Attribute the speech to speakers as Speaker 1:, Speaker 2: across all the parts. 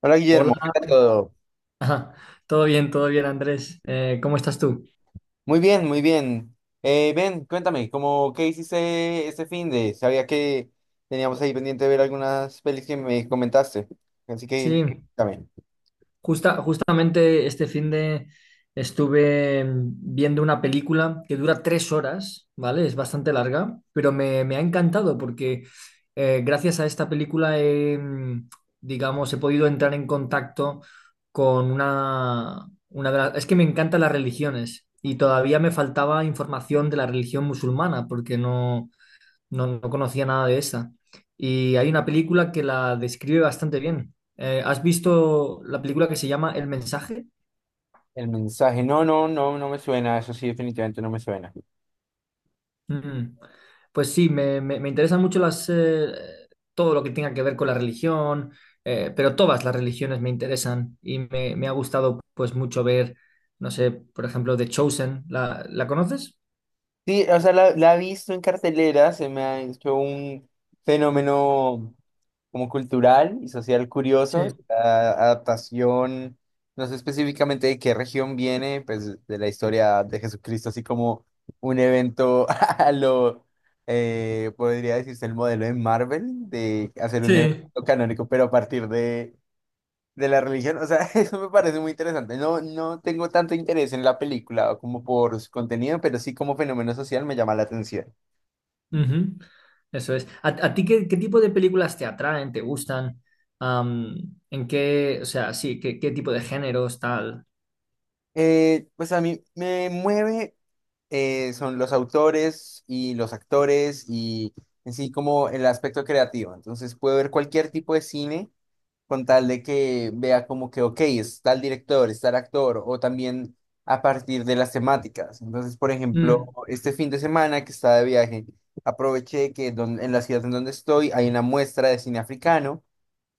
Speaker 1: Hola Guillermo, ¿qué
Speaker 2: Hola,
Speaker 1: tal todo?
Speaker 2: todo bien, Andrés. ¿Cómo estás tú?
Speaker 1: Muy bien, muy bien. Ven, cuéntame, ¿cómo qué hiciste este fin de? Sabía que teníamos ahí pendiente de ver algunas pelis que me comentaste. Así que,
Speaker 2: Sí,
Speaker 1: también.
Speaker 2: justamente este fin de estuve viendo una película que dura tres horas, ¿vale? Es bastante larga, pero me ha encantado porque gracias a esta película digamos, he podido entrar en contacto con una de las... Es que me encantan las religiones y todavía me faltaba información de la religión musulmana porque no... No, no conocía nada de esa. Y hay una película que la describe bastante bien. ¿Has visto la película que se llama El mensaje?
Speaker 1: El mensaje, no, no, no, no me suena, eso sí, definitivamente no me suena.
Speaker 2: Mm. Pues sí, me interesan mucho todo lo que tenga que ver con la religión, pero todas las religiones me interesan y me ha gustado pues mucho ver, no sé, por ejemplo, The Chosen. La conoces?
Speaker 1: Sí, o sea, la he visto en cartelera, se me ha hecho un fenómeno como cultural y social curioso.
Speaker 2: Sí.
Speaker 1: La adaptación, no sé específicamente de qué región viene, pues de la historia de Jesucristo, así como un evento a lo, podría decirse el modelo de Marvel, de hacer un evento
Speaker 2: Sí,
Speaker 1: canónico, pero a partir de la religión, o sea, eso me parece muy interesante. No, no tengo tanto interés en la película como por su contenido, pero sí como fenómeno social me llama la atención.
Speaker 2: ujú. Eso es. A ti qué, qué tipo de películas te atraen, te gustan? Am, ¿En qué, o sea, sí, qué, qué tipo de géneros, tal?
Speaker 1: Pues a mí me mueve, son los autores y los actores y en sí como el aspecto creativo. Entonces puedo ver cualquier tipo de cine con tal de que vea como que, ok, es tal director, es tal actor, o también a partir de las temáticas. Entonces, por ejemplo,
Speaker 2: Mm,
Speaker 1: este fin de semana que estaba de viaje, aproveché en la ciudad en donde estoy hay una muestra de cine africano,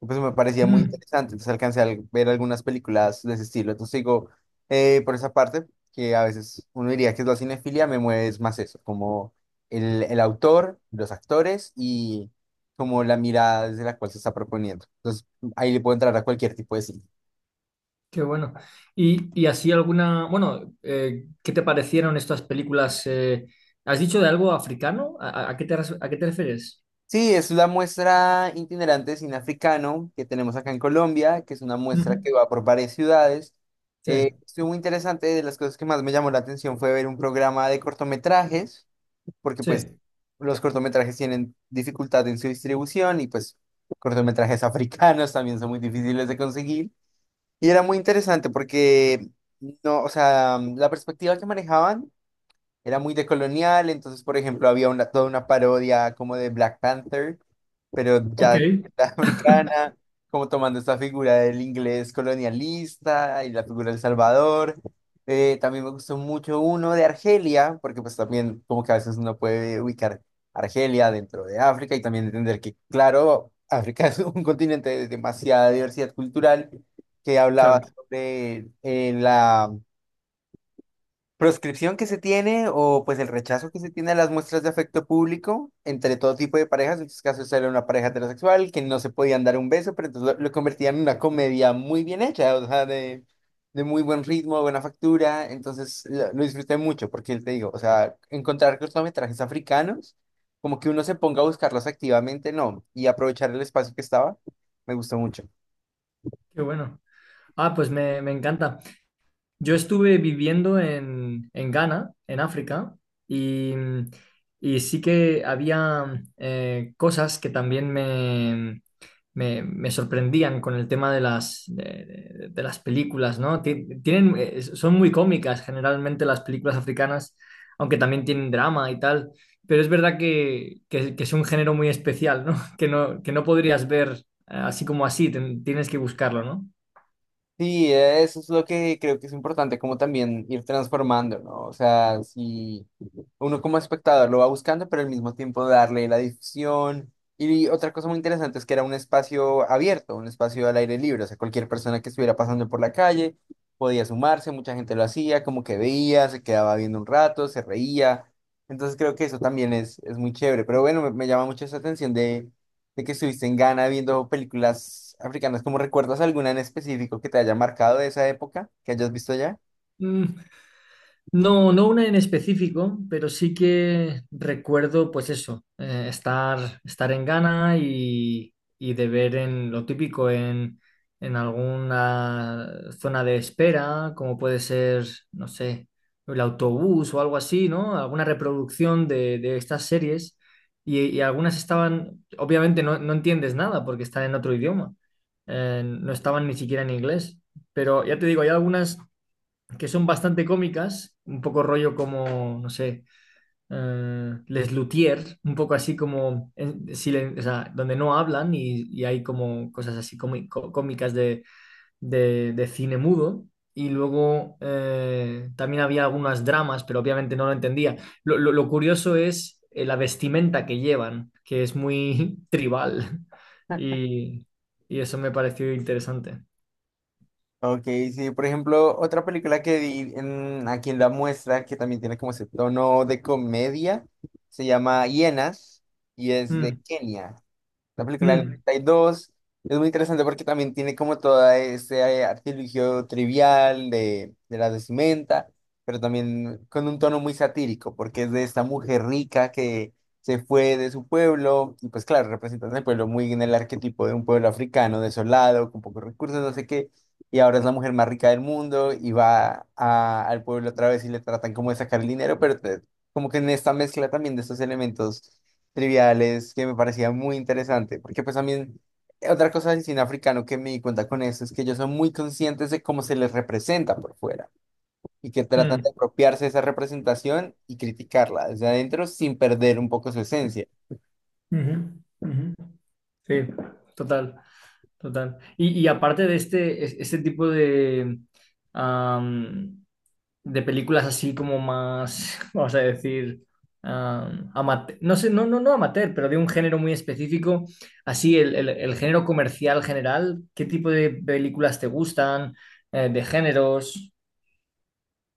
Speaker 1: pues me parecía muy
Speaker 2: mm,
Speaker 1: interesante, entonces alcancé a ver algunas películas de ese estilo. Entonces digo, por esa parte, que a veces uno diría que es la cinefilia, me mueve es más eso, como el autor, los actores y como la mirada desde la cual se está proponiendo. Entonces ahí le puedo entrar a cualquier tipo de cine.
Speaker 2: qué bueno. Y así alguna, bueno, ¿qué te parecieron estas películas? ¿Has dicho de algo africano? A qué te, a qué te refieres?
Speaker 1: Sí, es la muestra itinerante de cine africano que tenemos acá en Colombia, que es una muestra
Speaker 2: Ujú.
Speaker 1: que va por varias ciudades.
Speaker 2: Sí,
Speaker 1: Estuvo muy interesante, de las cosas que más me llamó la atención fue ver un programa de cortometrajes, porque pues
Speaker 2: sí.
Speaker 1: los cortometrajes tienen dificultad en su distribución y pues cortometrajes africanos también son muy difíciles de conseguir. Y era muy interesante porque, no, o sea, la perspectiva que manejaban era muy decolonial. Entonces, por ejemplo, había una, toda una parodia como de Black Panther, pero
Speaker 2: Ok,
Speaker 1: ya la africana, como tomando esta figura del inglés colonialista y la figura del Salvador. También me gustó mucho uno de Argelia, porque pues también como que a veces uno puede ubicar Argelia dentro de África y también entender que, claro, África es un continente de demasiada diversidad cultural, que hablaba
Speaker 2: claro,
Speaker 1: sobre la proscripción que se tiene, o pues el rechazo que se tiene a las muestras de afecto público entre todo tipo de parejas. En estos casos era una pareja heterosexual que no se podían dar un beso, pero entonces lo convertían en una comedia muy bien hecha, o sea, de muy buen ritmo, buena factura. Entonces lo disfruté mucho porque te digo, o sea, encontrar cortometrajes africanos, como que uno se ponga a buscarlos activamente, no, y aprovechar el espacio que estaba, me gustó mucho.
Speaker 2: qué bueno. Ah, pues me encanta. Yo estuve viviendo en Ghana, en África, y, y sí que había cosas que también me sorprendían con el tema de de las películas, ¿no? Tienen, son muy cómicas generalmente las películas africanas, aunque también tienen drama y tal, pero es verdad que, que es un género muy especial, ¿no? Que no podrías ver así como así, tienes que buscarlo, ¿no?
Speaker 1: Sí, eso es lo que creo que es importante, como también ir transformando, ¿no? O sea, si uno como espectador lo va buscando, pero al mismo tiempo darle la difusión. Y otra cosa muy interesante es que era un espacio abierto, un espacio al aire libre, o sea, cualquier persona que estuviera pasando por la calle podía sumarse, mucha gente lo hacía, como que veía, se quedaba viendo un rato, se reía. Entonces creo que eso también es muy chévere, pero bueno, me llama mucho esa atención de que estuviste en Ghana viendo películas africanas. ¿Cómo recuerdas alguna en específico que te haya marcado de esa época que hayas visto allá?
Speaker 2: Mm, no, no una en específico, pero sí que recuerdo, pues eso, estar en Ghana y de ver en lo típico en alguna zona de espera, como puede ser, no sé, el autobús o algo así, ¿no? Alguna reproducción de estas series y algunas estaban, obviamente no entiendes nada porque están en otro idioma, no estaban ni siquiera en inglés, pero ya te digo, hay algunas que son bastante cómicas, un poco rollo como, no sé, Les Luthiers, un poco así como, o sea, donde no hablan y hay como cosas así cómicas de, de cine mudo. Y luego también había algunas dramas, pero obviamente no lo entendía. Lo curioso es la vestimenta que llevan, que es muy tribal. Y, y eso me pareció interesante.
Speaker 1: Ok, sí, por ejemplo, otra película que vi en, aquí en la muestra, que también tiene como ese tono de comedia, se llama Hienas y es de
Speaker 2: Mm,
Speaker 1: Kenia. La película del
Speaker 2: mm,
Speaker 1: 92 es muy interesante porque también tiene como todo ese artilugio trivial de la vestimenta, pero también con un tono muy satírico, porque es de esta mujer rica que se fue de su pueblo, y pues claro, representando el pueblo muy en el arquetipo de un pueblo africano, desolado, con pocos recursos, no sé qué, y ahora es la mujer más rica del mundo y va al pueblo otra vez y le tratan como de sacar el dinero, como que en esta mezcla también de estos elementos triviales, que me parecía muy interesante, porque pues también otra cosa del cine africano que me di cuenta con eso es que ellos son muy conscientes de cómo se les representa por fuera y que tratan de
Speaker 2: mm.
Speaker 1: apropiarse de esa representación y criticarla desde adentro sin perder un poco su esencia.
Speaker 2: Ujú, ujú. Sí, total, total. Y aparte de este, este tipo de, am, de películas así como más, vamos a decir, no sé, no amateur, pero de un género muy específico, así el, el género comercial general, ¿qué tipo de películas te gustan? De géneros.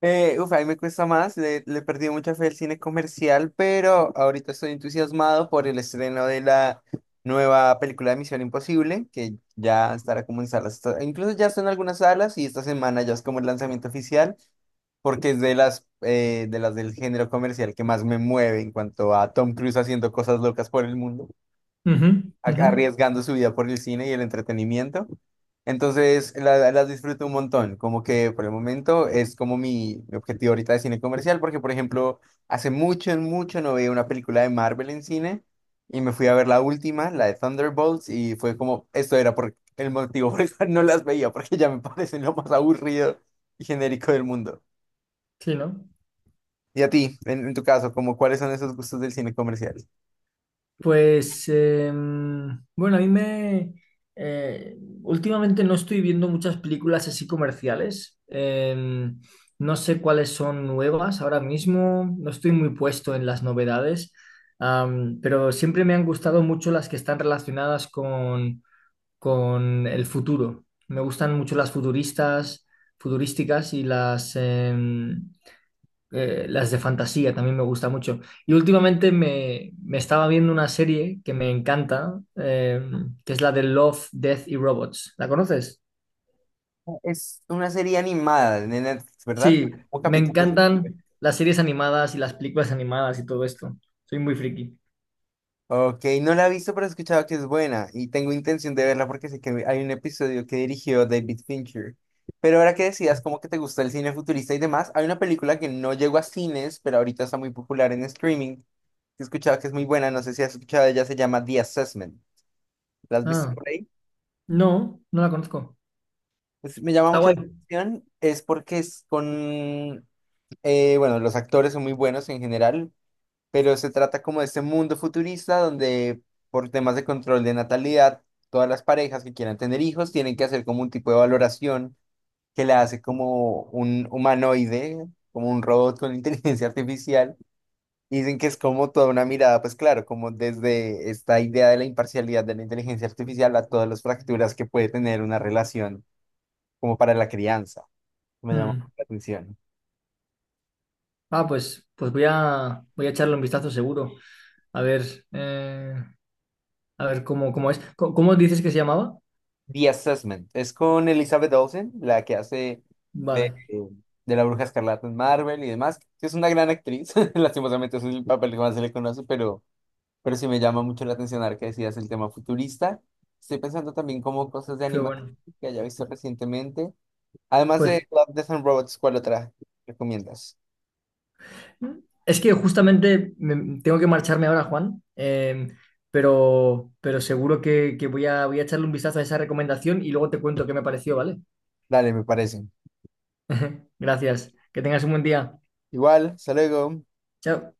Speaker 1: Uf, a mí me cuesta más, le he perdido mucha fe al cine comercial, pero ahorita estoy entusiasmado por el estreno de la nueva película de Misión Imposible, que ya estará como en salas, está- incluso ya está en algunas salas y esta semana ya es como el lanzamiento oficial. Porque es de las del género comercial que más me mueve, en cuanto a Tom Cruise haciendo cosas locas por el mundo,
Speaker 2: Ujú,
Speaker 1: a-
Speaker 2: ujú.
Speaker 1: arriesgando su vida por el cine y el entretenimiento. Entonces, las disfruto un montón, como que por el momento es como mi objetivo ahorita de cine comercial, porque por ejemplo, hace mucho, mucho no veía una película de Marvel en cine y me fui a ver la última, la de Thunderbolts, y fue como, esto era por el motivo por el cual no las veía, porque ya me parecen lo más aburrido y genérico del mundo.
Speaker 2: Sí, ¿no?
Speaker 1: Y a ti, en tu caso, como cuáles son esos gustos del cine comercial.
Speaker 2: Pues bueno, a mí me... eh, últimamente no estoy viendo muchas películas así comerciales. No sé cuáles son nuevas ahora mismo. No estoy muy puesto en las novedades. Pero siempre me han gustado mucho las que están relacionadas con el futuro. Me gustan mucho las futuristas, futurísticas y las de fantasía también me gusta mucho. Y últimamente me estaba viendo una serie que me encanta, que es la de Love, Death y Robots. ¿La conoces?
Speaker 1: Es una serie animada de Netflix, ¿verdad?
Speaker 2: Sí,
Speaker 1: Un
Speaker 2: me
Speaker 1: capítulo.
Speaker 2: encantan las series animadas y las películas animadas y todo esto. Soy muy friki.
Speaker 1: Ok, no la he visto, pero he escuchado que es buena y tengo intención de verla porque sé que hay un episodio que dirigió David Fincher. Pero ahora que decías como que te gusta el cine futurista y demás, hay una película que no llegó a cines, pero ahorita está muy popular en streaming. He escuchado que es muy buena, no sé si has escuchado, ella se llama The Assessment. ¿La has visto
Speaker 2: Ah,
Speaker 1: por ahí?
Speaker 2: no, no la conozco.
Speaker 1: Pues, me llama
Speaker 2: Está
Speaker 1: mucha
Speaker 2: guay.
Speaker 1: atención, es porque es con, bueno, los actores son muy buenos en general, pero se trata como de este mundo futurista donde por temas de control de natalidad, todas las parejas que quieran tener hijos tienen que hacer como un tipo de valoración, que la hace como un humanoide, como un robot con inteligencia artificial. Y dicen que es como toda una mirada, pues claro, como desde esta idea de la imparcialidad de la inteligencia artificial a todas las fracturas que puede tener una relación como para la crianza. Me llamó
Speaker 2: Mm.
Speaker 1: la atención.
Speaker 2: Ah, pues, pues voy a echarle un vistazo seguro. A ver, eh, a ver cómo, cómo es. ¿Cómo, dices que se llamaba?
Speaker 1: The Assessment. Es con Elizabeth Olsen, la que hace de,
Speaker 2: Vale,
Speaker 1: de la Bruja Escarlata en Marvel y demás, que es una gran actriz. Lastimosamente es el papel que más se le conoce, pero sí me llama mucho la atención ahora que decías el tema futurista. Estoy pensando también como cosas de
Speaker 2: qué
Speaker 1: animación
Speaker 2: bueno.
Speaker 1: que haya visto recientemente. Además
Speaker 2: Pues
Speaker 1: de Love, Death and Robots, ¿cuál otra recomiendas?
Speaker 2: es que justamente tengo que marcharme ahora, Juan, pero seguro que, voy voy a echarle un vistazo a esa recomendación y luego te cuento qué me pareció, ¿vale?
Speaker 1: Dale, me parece.
Speaker 2: Gracias. Que tengas un buen día.
Speaker 1: Igual, hasta luego.
Speaker 2: Chao.